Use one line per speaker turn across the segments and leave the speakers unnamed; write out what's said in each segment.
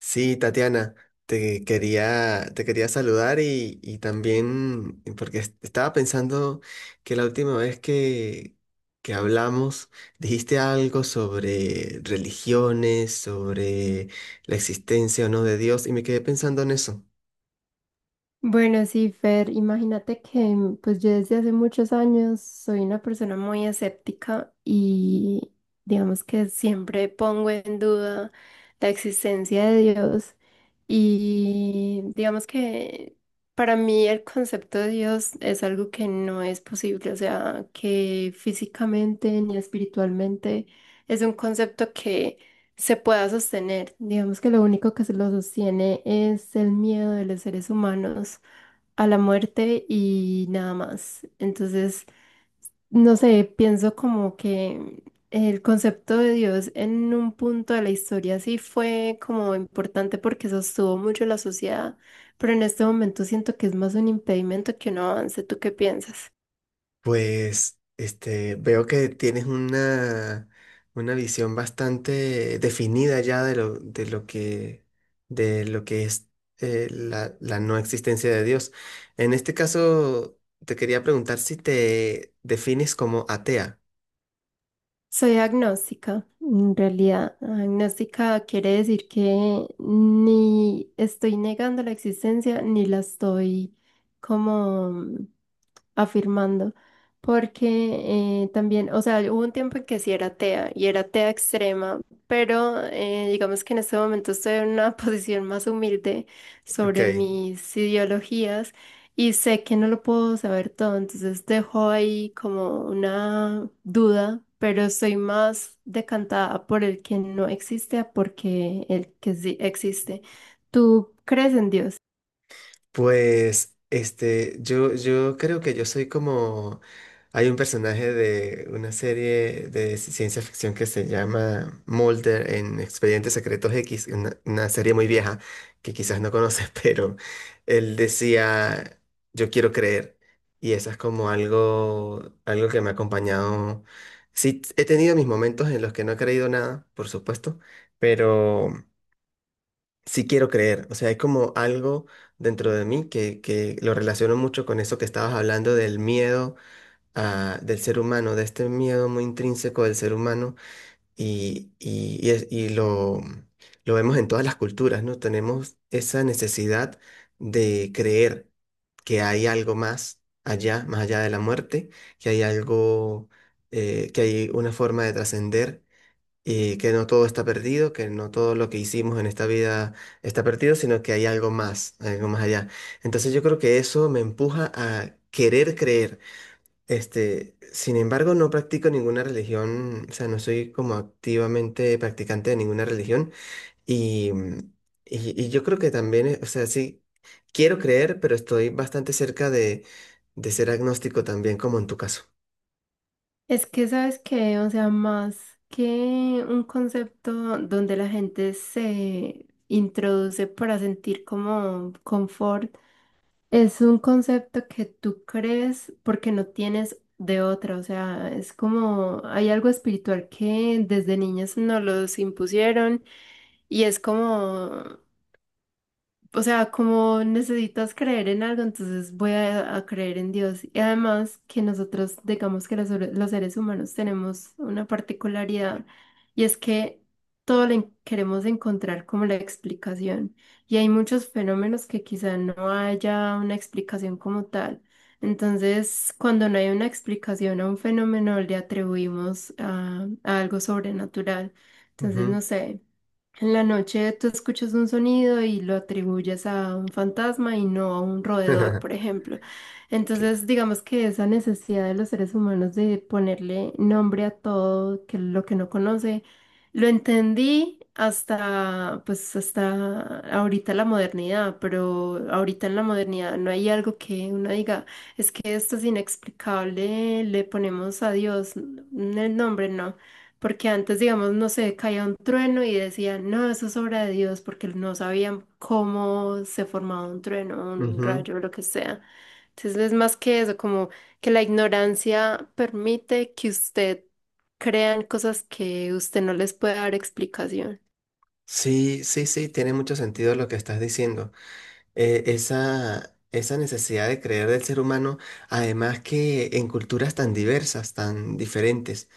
Sí, Tatiana, te quería saludar y también porque estaba pensando que la última vez que hablamos dijiste algo sobre religiones, sobre la existencia o no de Dios y me quedé pensando en eso.
Bueno, sí, Fer, imagínate que pues yo desde hace muchos años soy una persona muy escéptica y digamos que siempre pongo en duda la existencia de Dios y digamos que para mí el concepto de Dios es algo que no es posible, o sea, que físicamente ni espiritualmente es un concepto que se pueda sostener. Digamos que lo único que se lo sostiene es el miedo de los seres humanos a la muerte y nada más. Entonces, no sé, pienso como que el concepto de Dios en un punto de la historia sí fue como importante porque sostuvo mucho la sociedad, pero en este momento siento que es más un impedimento que un avance. ¿Tú qué piensas?
Pues veo que tienes una visión bastante definida ya de lo que es la no existencia de Dios. En este caso, te quería preguntar si te defines como atea.
Soy agnóstica. En realidad, agnóstica quiere decir que ni estoy negando la existencia ni la estoy como afirmando, porque también, o sea, hubo un tiempo en que sí era atea y era atea extrema, pero digamos que en este momento estoy en una posición más humilde
Ok.
sobre mis ideologías y sé que no lo puedo saber todo, entonces dejo ahí como una duda, pero estoy más decantada por el que no existe a porque el que sí existe. ¿Tú crees en Dios?
Pues, yo creo que yo soy como hay un personaje de una serie de ciencia ficción que se llama Mulder en Expedientes Secretos X, una serie muy vieja que quizás no conoces, pero él decía, yo quiero creer, y eso es como algo que me ha acompañado. Sí, he tenido mis momentos en los que no he creído nada, por supuesto, pero sí quiero creer. O sea, hay como algo dentro de mí que lo relaciono mucho con eso que estabas hablando del miedo del ser humano, de este miedo muy intrínseco del ser humano y lo vemos en todas las culturas, ¿no? Tenemos esa necesidad de creer que hay algo más allá de la muerte, que hay algo, que hay una forma de trascender y que no todo está perdido, que no todo lo que hicimos en esta vida está perdido, sino que hay algo más allá. Entonces yo creo que eso me empuja a querer creer. Este, sin embargo, no practico ninguna religión, o sea, no soy como activamente practicante de ninguna religión y, mm, y yo creo que también, o sea, sí, quiero creer, pero estoy bastante cerca de ser agnóstico también, como en tu caso.
Es que sabes que, o sea, más que un concepto donde la gente se introduce para sentir como confort, es un concepto que tú crees porque no tienes de otra, o sea, es como hay algo espiritual que desde niños nos los impusieron y es como o sea, como necesitas creer en algo, entonces voy a creer en Dios. Y además que nosotros, digamos que los seres humanos tenemos una particularidad y es que todo le queremos encontrar como la explicación. Y hay muchos fenómenos que quizá no haya una explicación como tal. Entonces, cuando no hay una explicación a un fenómeno, le atribuimos a algo sobrenatural. Entonces, no
Ujú.
sé. En la noche tú escuchas un sonido y lo atribuyes a un fantasma y no a un roedor, por ejemplo.
Que-
Entonces, digamos que esa necesidad de los seres humanos de ponerle nombre a todo que lo que no conoce, lo entendí hasta pues hasta ahorita la modernidad, pero ahorita en la modernidad no hay algo que uno diga, es que esto es inexplicable, le ponemos a Dios el nombre, no. Porque antes, digamos, no sé, caía un trueno y decían, no, eso es obra de Dios, porque no sabían cómo se formaba un trueno, un
Ujú.
rayo, lo que sea. Entonces es más que eso, como que la ignorancia permite que usted crean cosas que usted no les puede dar explicación.
Sí, sí, sí, tiene mucho sentido lo que estás diciendo. Esa necesidad de creer del ser humano, además que en culturas tan diversas, tan diferentes,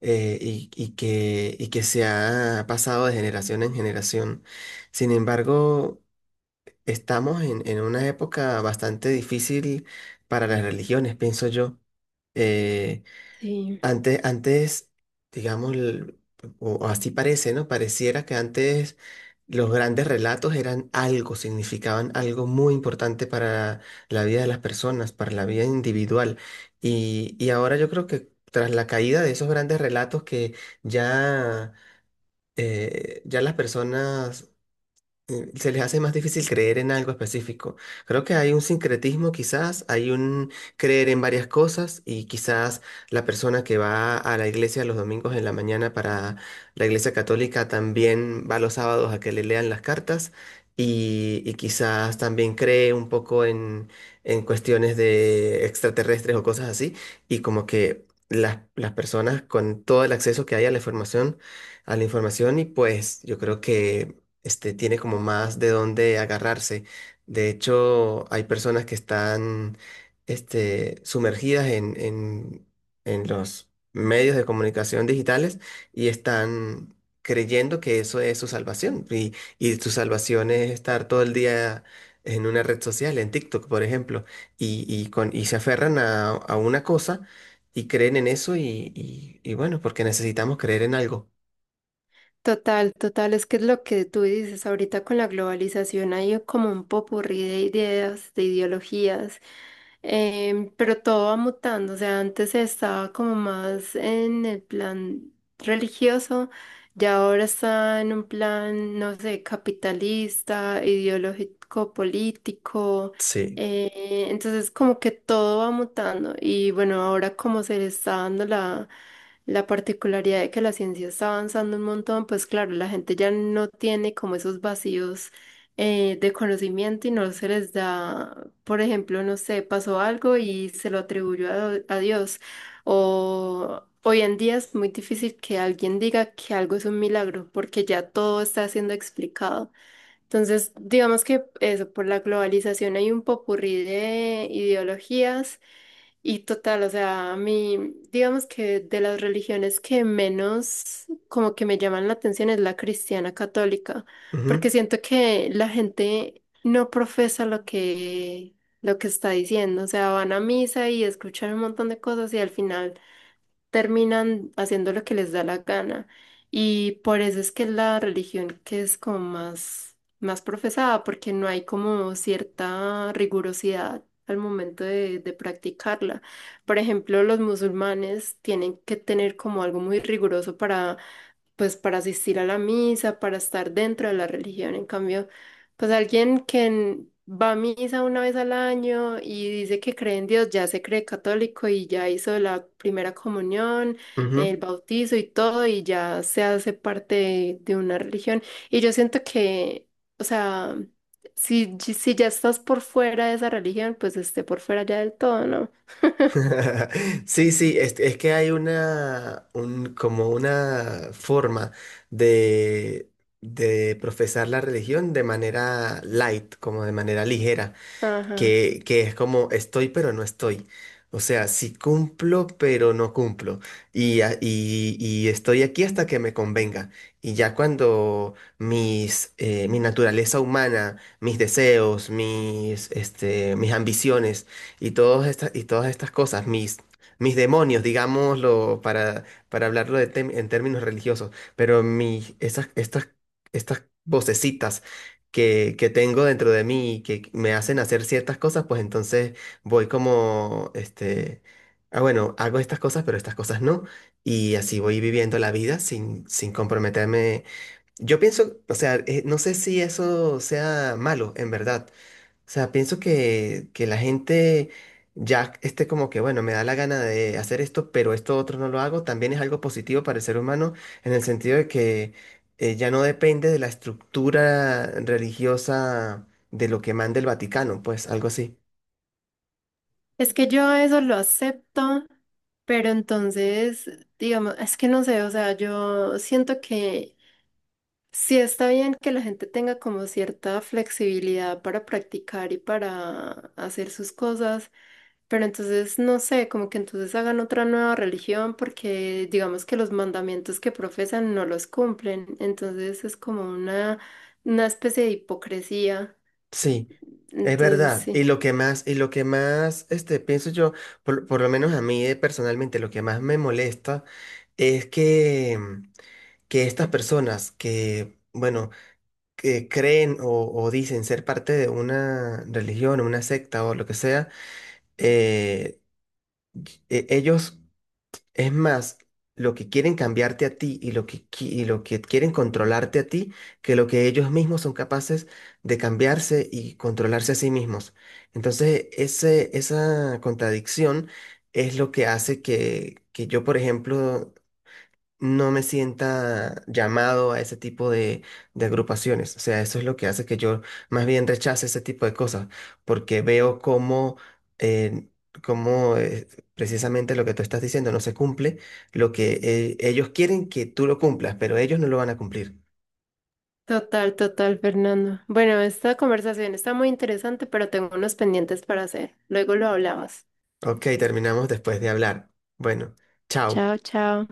y que se ha pasado de generación en generación. Sin embargo, estamos en una época bastante difícil para las religiones, pienso yo. Eh,
Sí.
antes, digamos, o así parece, ¿no? Pareciera que antes los grandes relatos eran algo, significaban algo muy importante para la vida de las personas, para la vida individual. Y ahora yo creo que tras la caída de esos grandes relatos que ya, ya las personas se les hace más difícil creer en algo específico. Creo que hay un sincretismo quizás, hay un creer en varias cosas y quizás la persona que va a la iglesia los domingos en la mañana para la iglesia católica también va los sábados a que le lean las cartas y quizás también cree un poco en cuestiones de extraterrestres o cosas así y como que... las personas con todo el acceso que hay a la información y pues yo creo que tiene como más de dónde agarrarse. De hecho, hay personas que están, sumergidas en los medios de comunicación digitales y están creyendo que eso es su salvación. Y su salvación es estar todo el día en una red social, en TikTok, por ejemplo, y se aferran a una cosa y creen en eso y bueno, porque necesitamos creer en algo.
Total, total, es que es lo que tú dices ahorita con la globalización, hay como un popurrí de ideas, de ideologías, pero todo va mutando, o sea, antes estaba como más en el plan religioso, ya ahora está en un plan, no sé, capitalista, ideológico, político,
Sí.
entonces como que todo va mutando y bueno, ahora como se le está dando la la particularidad de que la ciencia está avanzando un montón, pues claro, la gente ya no tiene como esos vacíos de conocimiento y no se les da, por ejemplo, no sé, pasó algo y se lo atribuyó a Dios. O hoy en día es muy difícil que alguien diga que algo es un milagro, porque ya todo está siendo explicado. Entonces, digamos que eso, por la globalización hay un popurrí de ideologías y total, o sea, a mí, digamos que de las religiones que menos como que me llaman la atención es la cristiana católica, porque
Ujú,
siento que la gente no profesa lo que está diciendo, o sea, van a misa y escuchan un montón de cosas y al final terminan haciendo lo que les da la gana. Y por eso es que es la religión que es como más, más profesada, porque no hay como cierta rigurosidad al momento de practicarla. Por ejemplo, los musulmanes tienen que tener como algo muy riguroso para pues para asistir a la misa, para estar dentro de la religión. En cambio, pues alguien que va a misa una vez al año y dice que cree en Dios, ya se cree católico y ya hizo la primera comunión, el
ujú.
bautizo y todo, y ya se hace parte de una religión. Y yo siento que, o sea, si, si ya estás por fuera de esa religión, pues esté por fuera ya del todo, ¿no?
Sí, sí, es que hay como una forma de, de profesar la religión de manera light, como de manera ligera
Ajá.
que es como estoy pero no estoy. O sea, sí cumplo pero no cumplo. Y, y estoy aquí hasta que me convenga. Y ya cuando mis, mi naturaleza humana, mis deseos, mis ambiciones y y todas estas cosas, mis, mis demonios, digámoslo, para hablarlo de en términos religiosos, pero estas vocecitas que tengo dentro de mí y que me hacen hacer ciertas cosas, pues entonces voy como, ah, bueno, hago estas cosas, pero estas cosas no. Y así voy viviendo la vida sin comprometerme. Yo pienso, o sea, no sé si eso sea malo, en verdad, o sea, pienso que la gente ya esté como que, bueno, me da la gana de hacer esto, pero esto otro no lo hago, también es algo positivo para el ser humano en el sentido de que ya no depende de la estructura religiosa de lo que manda el Vaticano, pues algo así.
Es que yo eso lo acepto, pero entonces, digamos, es que no sé, o sea, yo siento que sí está bien que la gente tenga como cierta flexibilidad para practicar y para hacer sus cosas, pero entonces, no sé, como que entonces hagan otra nueva religión porque digamos que los mandamientos que profesan no los cumplen, entonces es como una especie de hipocresía,
Sí, es
entonces
verdad. Y
sí.
lo que más, y lo que más, pienso yo, por lo menos a mí personalmente, lo que más me molesta es que estas personas que, bueno, que creen o dicen ser parte de una religión, una secta o lo que sea, eh, e- ellos, es más, lo que quieren cambiarte a ti y lo y lo que quieren controlarte a ti, que lo que ellos mismos son capaces de cambiarse y controlarse a sí mismos. Entonces, esa contradicción es lo que hace que yo, por ejemplo, no me sienta llamado a ese tipo de agrupaciones. O sea, eso es lo que hace que yo más bien rechace ese tipo de cosas, porque veo eh, cómo precisamente lo que tú estás diciendo no se cumple, lo que ellos quieren que tú lo cumplas, pero ellos no lo van a cumplir.
Total, total, Fernando. Bueno, esta conversación está muy interesante, pero tengo unos pendientes para hacer. Luego lo hablamos.
Ok, terminamos después de hablar. Bueno, chao.
Chao, chao.